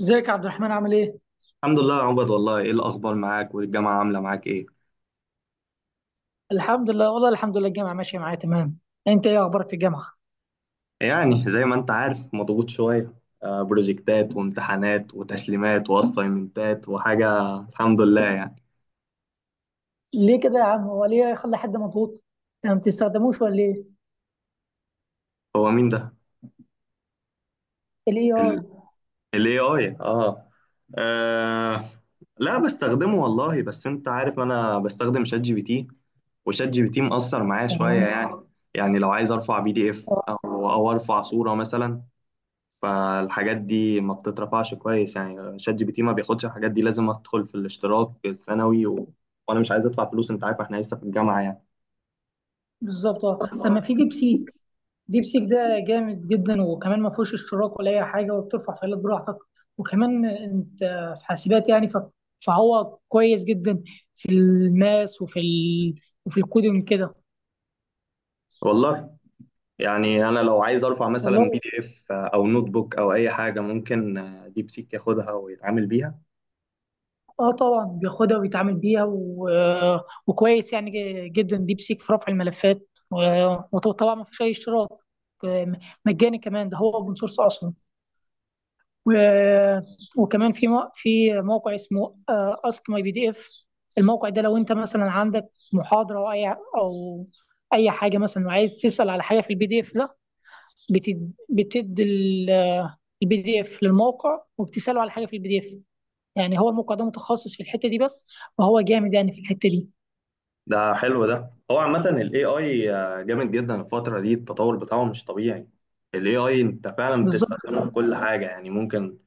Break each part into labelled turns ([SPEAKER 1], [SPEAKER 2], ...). [SPEAKER 1] ازيك يا عبد الرحمن، عامل ايه؟
[SPEAKER 2] الحمد لله يا عبد، والله ايه الاخبار معاك؟ والجامعه عامله معاك ايه؟
[SPEAKER 1] الحمد لله والله الحمد لله، الجامعة ماشية معايا تمام. انت ايه اخبارك في الجامعة؟
[SPEAKER 2] يعني زي ما انت عارف مضغوط شويه. بروجكتات وامتحانات وتسليمات واساينمنتات وحاجه، الحمد لله يعني.
[SPEAKER 1] ليه كده يا عم، هو ليه يخلي حد مضغوط؟ انت ما بتستخدموش ولا ايه؟
[SPEAKER 2] هو مين ده؟
[SPEAKER 1] الاي اي.
[SPEAKER 2] الاي اي؟ اه. آه، لا، بستخدمه والله، بس انت عارف انا بستخدم شات جي بي تي، وشات جي بي تي مأثر معايا شويه
[SPEAKER 1] تمام.
[SPEAKER 2] يعني. يعني لو عايز ارفع بي دي اف
[SPEAKER 1] اه.
[SPEAKER 2] او ارفع صوره مثلا، فالحاجات دي ما بتترفعش كويس، يعني شات جي بي تي ما بياخدش الحاجات دي، لازم ادخل في الاشتراك السنوي وانا مش عايز ادفع فلوس، انت عارف احنا لسه في الجامعه يعني.
[SPEAKER 1] بالظبط، اه، طب ما في ديب سيك. ديب سيك ده جامد جدا، وكمان ما فيهوش اشتراك ولا اي حاجة، وبترفع فايلات براحتك. وكمان انت في حاسبات، يعني، فهو كويس جدا في الماس وفي وفي الكودينج كده.
[SPEAKER 2] والله يعني انا لو عايز ارفع مثلا
[SPEAKER 1] والله.
[SPEAKER 2] بي دي اف او نوت بوك او اي حاجه، ممكن ديب سيك ياخدها ويتعامل بيها.
[SPEAKER 1] اه طبعا بياخدها ويتعامل بيها و... آه، وكويس يعني جدا، ديب سيك في رفع الملفات، و- وطبعا ما فيش اي اشتراك. م- مجاني كمان، ده هو اوبن سورس اصلا. و... وكمان في في موقع اسمه اسك ماي بي دي اف. الموقع ده، لو انت مثلا عندك محاضره او اي، او اي حاجه مثلا، وعايز تسال على حاجه في البي دي اف ده، بتدي البي دي اف للموقع، وبتساله على حاجه في البي دي اف. يعني هو الموقع ده متخصص في الحتة دي بس، وهو جامد يعني في الحتة دي.
[SPEAKER 2] ده حلو، ده هو عامه الاي اي جامد جدا، الفتره دي التطور بتاعه مش طبيعي. الاي اي انت فعلا بتستخدمه
[SPEAKER 1] بالظبط.
[SPEAKER 2] في كل حاجه، يعني ممكن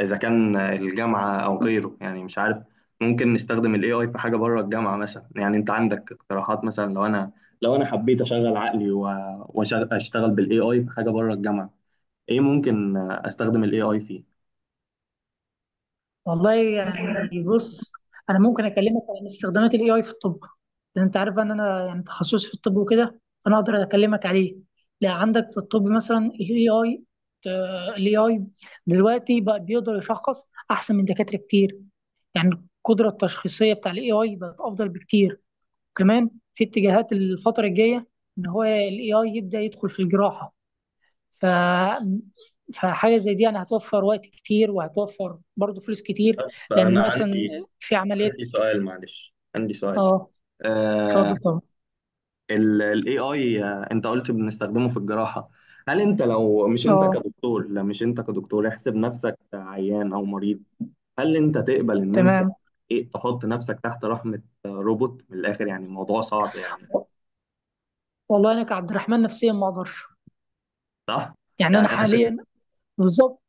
[SPEAKER 2] اذا كان الجامعه او غيره، يعني مش عارف، ممكن نستخدم الاي اي في حاجه بره الجامعه مثلا. يعني انت عندك اقتراحات؟ مثلا لو انا حبيت اشغل عقلي واشتغل بالاي اي في حاجه بره الجامعه، ايه ممكن استخدم الاي اي فيه؟
[SPEAKER 1] والله يعني بص، انا ممكن اكلمك عن استخدامات الاي اي في الطب. لان انت عارف ان انا يعني تخصصي في الطب وكده، فانا اقدر اكلمك عليه. لا، عندك في الطب مثلا الاي اي، الاي اي دلوقتي بقى بيقدر يشخص احسن من دكاترة كتير. يعني القدرة التشخيصية بتاع الاي اي بقت افضل بكتير. كمان في اتجاهات الفترة الجاية ان هو الاي اي يبدأ يدخل في الجراحة. ف... فحاجه زي دي يعني هتوفر وقت كتير، وهتوفر برضه فلوس كتير.
[SPEAKER 2] فأنا
[SPEAKER 1] لان مثلا
[SPEAKER 2] عندي
[SPEAKER 1] في عمليات.
[SPEAKER 2] عندي سؤال، معلش، عندي سؤال،
[SPEAKER 1] اه، اتفضل
[SPEAKER 2] آه.
[SPEAKER 1] طبعا.
[SPEAKER 2] الاي اي انت قلت بنستخدمه في الجراحه، هل انت، لو مش انت
[SPEAKER 1] اه.
[SPEAKER 2] كدكتور، لا مش انت كدكتور، احسب نفسك عيان او مريض، هل انت تقبل ان انت
[SPEAKER 1] تمام.
[SPEAKER 2] ايه، تحط نفسك تحت رحمة روبوت؟ من الاخر يعني الموضوع صعب يعني.
[SPEAKER 1] والله انا كعبد الرحمن نفسيا ما اقدرش.
[SPEAKER 2] صح.
[SPEAKER 1] يعني
[SPEAKER 2] يعني
[SPEAKER 1] انا
[SPEAKER 2] انا
[SPEAKER 1] حاليا. بالظبط.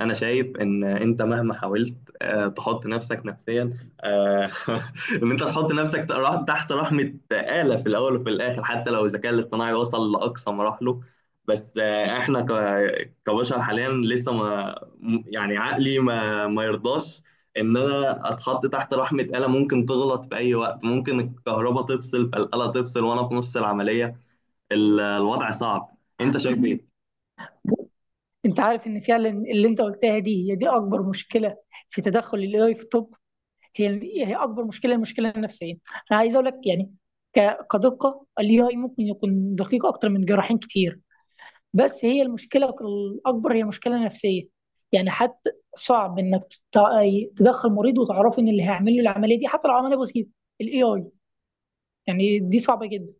[SPEAKER 2] شايف ان انت مهما حاولت تحط نفسك نفسيا، آه، ان انت تحط نفسك تحت رحمه آلة. في الاول وفي الاخر، حتى لو الذكاء الاصطناعي وصل لاقصى مراحله، بس احنا كبشر حاليا لسه ما م- يعني عقلي ما يرضاش ان انا اتحط تحت رحمه آلة، ممكن تغلط في اي وقت، ممكن الكهرباء تفصل فالآلة تفصل وانا في نص العمليه. الوضع صعب، انت شايف ايه؟
[SPEAKER 1] انت عارف ان فعلا اللي انت قلتها دي هي دي اكبر مشكله في تدخل الاي في الطب. هي هي اكبر مشكله، المشكله النفسيه. انا عايز اقول لك يعني، كدقه الاي اي ممكن يكون دقيق اكتر من جراحين كتير، بس هي المشكلة الأكبر، هي مشكلة نفسية. يعني حتى صعب إنك تدخل مريض وتعرف إن اللي هيعمل له العملية دي، حتى لو عملية بسيطة، ال AI، يعني دي صعبة جدا.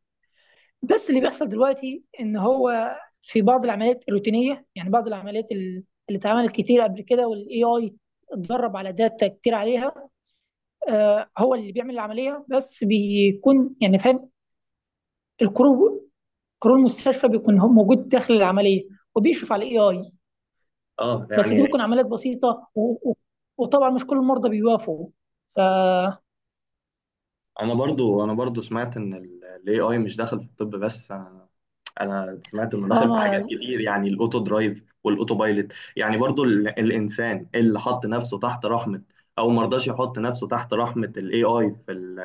[SPEAKER 1] بس اللي بيحصل دلوقتي إن هو في بعض العمليات الروتينية، يعني بعض العمليات اللي اتعملت كتير قبل كده، وال AI اتدرب على داتا كتير عليها، هو اللي بيعمل العملية، بس بيكون يعني فاهم. الكرو كرو المستشفى بيكون هو موجود داخل العملية، وبيشرف على الاي اي.
[SPEAKER 2] اه
[SPEAKER 1] بس دي
[SPEAKER 2] يعني
[SPEAKER 1] بتكون عمليات بسيطه، و... وطبعا مش كل المرضى بيوافقوا. ف
[SPEAKER 2] انا برضو، سمعت ان الاي اي مش داخل في الطب بس، انا سمعت انه
[SPEAKER 1] اه،
[SPEAKER 2] داخل في
[SPEAKER 1] ما
[SPEAKER 2] حاجات
[SPEAKER 1] أنا
[SPEAKER 2] كتير، يعني الاوتو درايف والاوتو بايلوت، يعني برضو الانسان اللي حط نفسه تحت رحمة، او مرضاش يحط نفسه تحت رحمة الاي اي في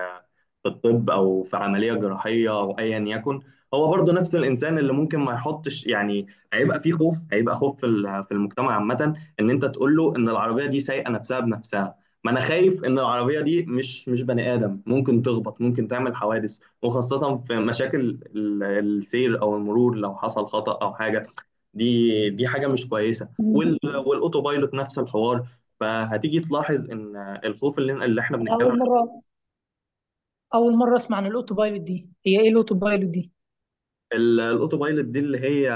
[SPEAKER 2] في الطب او في عمليه جراحيه او ايا يكن، هو برضه نفس الانسان اللي ممكن ما يحطش يعني. هيبقى فيه خوف، هيبقى خوف في في المجتمع عامه، ان انت تقول له ان العربيه دي سايقه نفسها بنفسها. ما انا خايف ان العربيه دي مش بني ادم، ممكن تخبط، ممكن تعمل حوادث، وخاصه في مشاكل السير او المرور، لو حصل خطا او حاجه، دي حاجه مش كويسه. والاوتوبايلوت نفس الحوار، فهتيجي تلاحظ ان الخوف اللي احنا
[SPEAKER 1] اول
[SPEAKER 2] بنتكلم.
[SPEAKER 1] مره، اول مره اسمع عن الاوتو بايلوت دي. هي ايه الاوتو بايلوت دي؟
[SPEAKER 2] الاوتو بايلوت دي اللي هي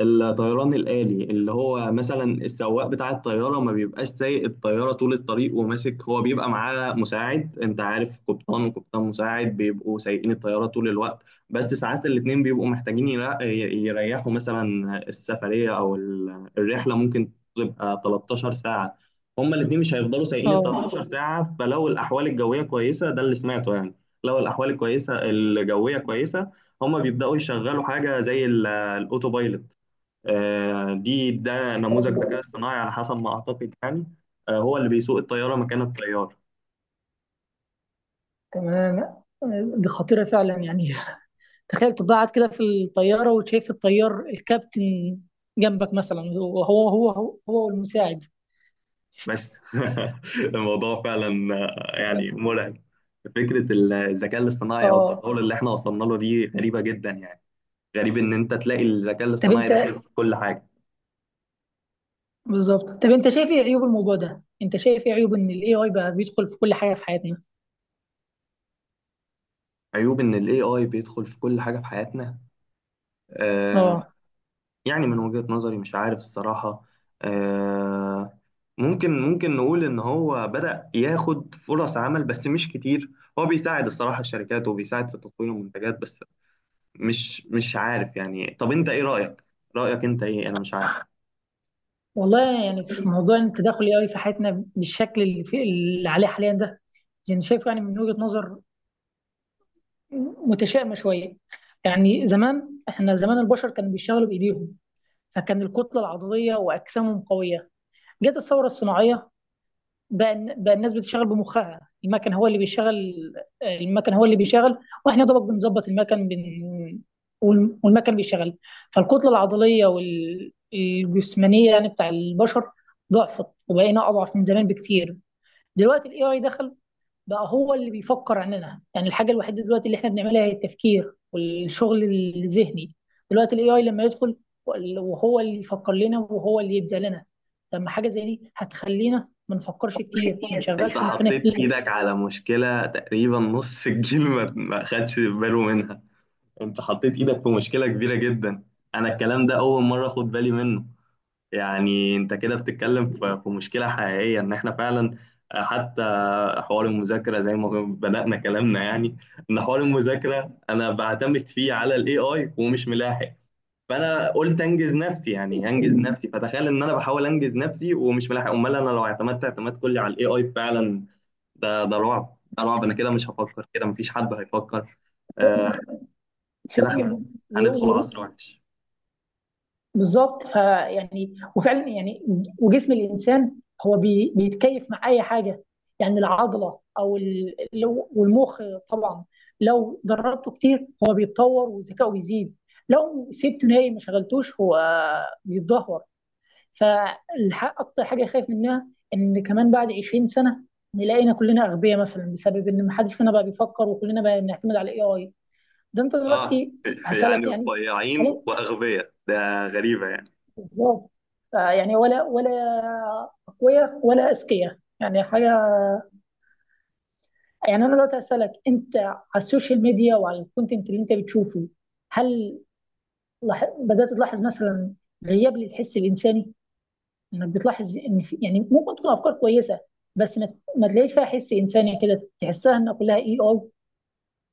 [SPEAKER 2] الطيران الآلي، اللي هو مثلا السواق بتاع الطيارة ما بيبقاش سايق الطيارة طول الطريق وماسك، هو بيبقى معاه مساعد، انت عارف، قبطان وقبطان مساعد بيبقوا سايقين الطيارة طول الوقت، بس ساعات الاتنين بيبقوا محتاجين يريحوا، مثلا السفرية او الرحلة ممكن تبقى 13 ساعة، هما الاتنين مش هيفضلوا سايقين ال
[SPEAKER 1] اه
[SPEAKER 2] 13 ساعة. فلو الأحوال الجوية كويسة، ده اللي سمعته يعني، لو الأحوال الكويسة الجوية كويسة، هما بيبدأوا يشغلوا حاجة زي الأوتوبايلوت. دي نموذج ذكاء اصطناعي على حسب ما اعتقد يعني، هو اللي بيسوق الطياره مكان الطيار.
[SPEAKER 1] تمام. دي خطيره فعلا يعني. تخيل تبقى قاعد كده في الطياره، وشايف الطيار، الكابتن جنبك مثلا، وهو هو هو هو والمساعد.
[SPEAKER 2] بس الموضوع فعلا يعني مرعب. فكره الذكاء الاصطناعي او
[SPEAKER 1] اه،
[SPEAKER 2] التطور اللي احنا وصلنا له دي غريبه جدا يعني. غريب ان انت تلاقي الذكاء
[SPEAKER 1] طب
[SPEAKER 2] الاصطناعي
[SPEAKER 1] انت،
[SPEAKER 2] داخل في كل حاجه.
[SPEAKER 1] بالظبط، طب انت شايف ايه عيوب الموضوع ده؟ انت شايف ايه عيوب ان الاي اي بقى بيدخل في كل حاجه في حياتنا؟
[SPEAKER 2] عيوب ان الاي اي بيدخل في كل حاجه في حياتنا، آه،
[SPEAKER 1] اه.
[SPEAKER 2] يعني من وجهه نظري مش عارف الصراحه، آه، ممكن نقول ان هو بدأ ياخد فرص عمل بس مش كتير، هو بيساعد الصراحة الشركات وبيساعد في تطوير المنتجات بس. مش عارف يعني، طب انت ايه رأيك؟ رأيك انت ايه؟ انا مش عارف.
[SPEAKER 1] والله يعني، في موضوع إن التداخل الاي في حياتنا بالشكل اللي، في اللي عليه حاليا ده، يعني شايف، يعني من وجهة نظر متشائمة شوية. يعني زمان، احنا زمان البشر كانوا بيشتغلوا بايديهم، فكان الكتلة العضلية واجسامهم قوية. جت الثورة الصناعية، بقى الناس بتشتغل بمخها، المكن هو اللي بيشغل، المكن هو اللي بيشغل، واحنا يا دوبك بنظبط المكن، والمكن بيشتغل. فالكتله العضليه والجسمانيه يعني بتاع البشر ضعفت، وبقينا اضعف من زمان بكتير. دلوقتي الاي اي دخل، بقى هو اللي بيفكر عننا. يعني الحاجه الوحيده دلوقتي اللي احنا بنعملها هي التفكير والشغل الذهني. دلوقتي الاي اي لما يدخل، وهو اللي يفكر لنا وهو اللي يبدع لنا، طب ما حاجه زي دي هتخلينا ما نفكرش كتير، ما
[SPEAKER 2] انت مش
[SPEAKER 1] نشغلش
[SPEAKER 2] عارف.
[SPEAKER 1] مخنا
[SPEAKER 2] حطيت
[SPEAKER 1] كتير.
[SPEAKER 2] ايدك على مشكلة تقريبا نص الجيل ما خدش باله منها. انت حطيت ايدك في مشكلة كبيرة جدا، انا الكلام ده اول مرة اخد بالي منه. يعني انت كده بتتكلم في مشكلة حقيقية، ان احنا فعلا، حتى حوار المذاكره زي ما بدانا كلامنا يعني، ان حوار المذاكره انا بعتمد فيه على الاي اي ومش ملاحق، فانا قلت انجز نفسي، يعني هنجز نفسي، فتخيل ان انا بحاول انجز نفسي ومش ملاحق، امال انا لو اعتمدت اعتماد كلي على الاي اي فعلا، ده رعب، ده رعب، انا كده مش هفكر، كده مفيش حد هيفكر. آه. كده
[SPEAKER 1] فعلا.
[SPEAKER 2] احنا هندخل
[SPEAKER 1] و-
[SPEAKER 2] عصر وحش.
[SPEAKER 1] بالظبط، فيعني وفعلا يعني، وجسم الانسان هو بيتكيف مع اي حاجه. يعني العضله، او والمخ طبعا، لو دربته كتير هو بيتطور وذكائه بيزيد، لو سبته نايم ما شغلتوش هو بيتدهور. فاكتر حاجه خايف منها ان كمان بعد 20 سنه نلاقينا كلنا اغبياء مثلا، بسبب ان ما حدش فينا بقى بيفكر، وكلنا بقى بنعتمد على الاي اي. ده انت
[SPEAKER 2] اه
[SPEAKER 1] دلوقتي. هسالك
[SPEAKER 2] يعني
[SPEAKER 1] يعني،
[SPEAKER 2] صياعين
[SPEAKER 1] هل،
[SPEAKER 2] واغبياء، ده غريبه يعني.
[SPEAKER 1] بالظبط، فيعني، ولا اقوياء ولا اذكياء، يعني حاجه. يعني انا دلوقتي هسالك، انت على السوشيال ميديا وعلى الكونتنت اللي انت بتشوفه، هل بدات تلاحظ مثلا غياب للحس الانساني؟ انك بتلاحظ ان في، يعني ممكن تكون افكار كويسه، بس ما تلاقيش فيها حس انساني كده، تحسها انها كلها اي اي.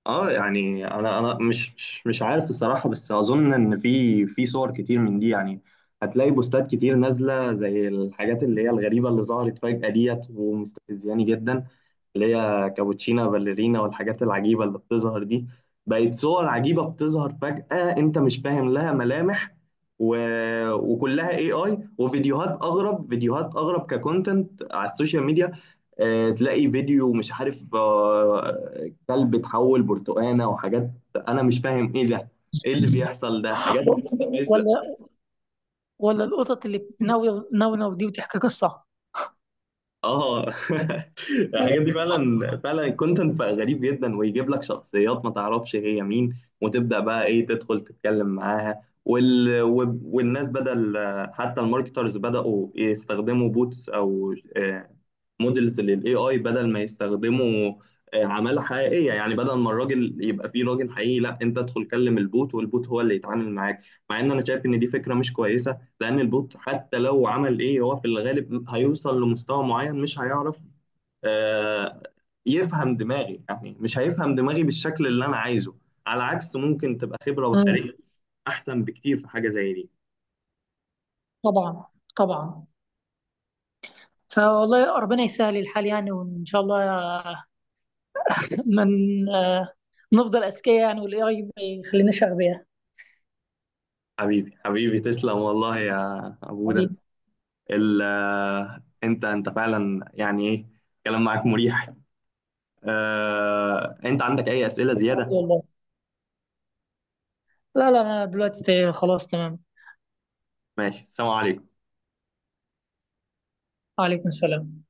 [SPEAKER 2] اه يعني انا مش عارف الصراحه، بس اظن ان في صور كتير من دي يعني، هتلاقي بوستات كتير نازله زي الحاجات اللي هي الغريبه اللي ظهرت فجاه ديت ومستفزياني جدا، اللي هي كابوتشينا باليرينا والحاجات العجيبة اللي بتظهر دي، بقت صور عجيبة بتظهر فجأة انت مش فاهم لها ملامح، و... وكلها اي اي، وفيديوهات اغرب، فيديوهات اغرب ككونتنت على السوشيال ميديا. تلاقي فيديو مش عارف كلب اتحول برتقانة وحاجات، انا مش فاهم ايه ده، ايه اللي بيحصل؟ ده حاجات مستفزة.
[SPEAKER 1] ولا، القطط اللي بتنونو دي وتحكي قصه.
[SPEAKER 2] اه الحاجات دي فعلا، فعلا الكونتنت بقى غريب جدا، ويجيب لك شخصيات ما تعرفش هي مين، وتبدا بقى ايه تدخل تتكلم معاها، والناس بدل، حتى الماركترز بداوا يستخدموا بوتس او مودلز للاي اي بدل ما يستخدموا عماله حقيقيه، يعني بدل ما الراجل يبقى فيه راجل حقيقي، لا، انت ادخل كلم البوت والبوت هو اللي يتعامل معاك. مع ان انا شايف ان دي فكره مش كويسه، لان البوت حتى لو عمل ايه هو في الغالب هيوصل لمستوى معين مش هيعرف آه، يفهم دماغي، يعني مش هيفهم دماغي بالشكل اللي انا عايزه، على عكس ممكن تبقى خبرة
[SPEAKER 1] مم.
[SPEAKER 2] بشرية احسن بكتير في حاجة زي دي.
[SPEAKER 1] طبعا طبعا. فوالله ربنا يسهل الحال، يعني وان شاء الله، من، آه، نفضل اذكياء يعني، والاي اي ما يخليناش اغبياء.
[SPEAKER 2] حبيبي حبيبي تسلم والله يا ابوده.
[SPEAKER 1] حبيبي.
[SPEAKER 2] ال آه، انت فعلا يعني ايه، الكلام معاك مريح. انت عندك اي اسئلة زيادة؟
[SPEAKER 1] والله لا لا، انا دلوقتي خلاص تمام.
[SPEAKER 2] ماشي، السلام عليكم.
[SPEAKER 1] وعليكم السلام.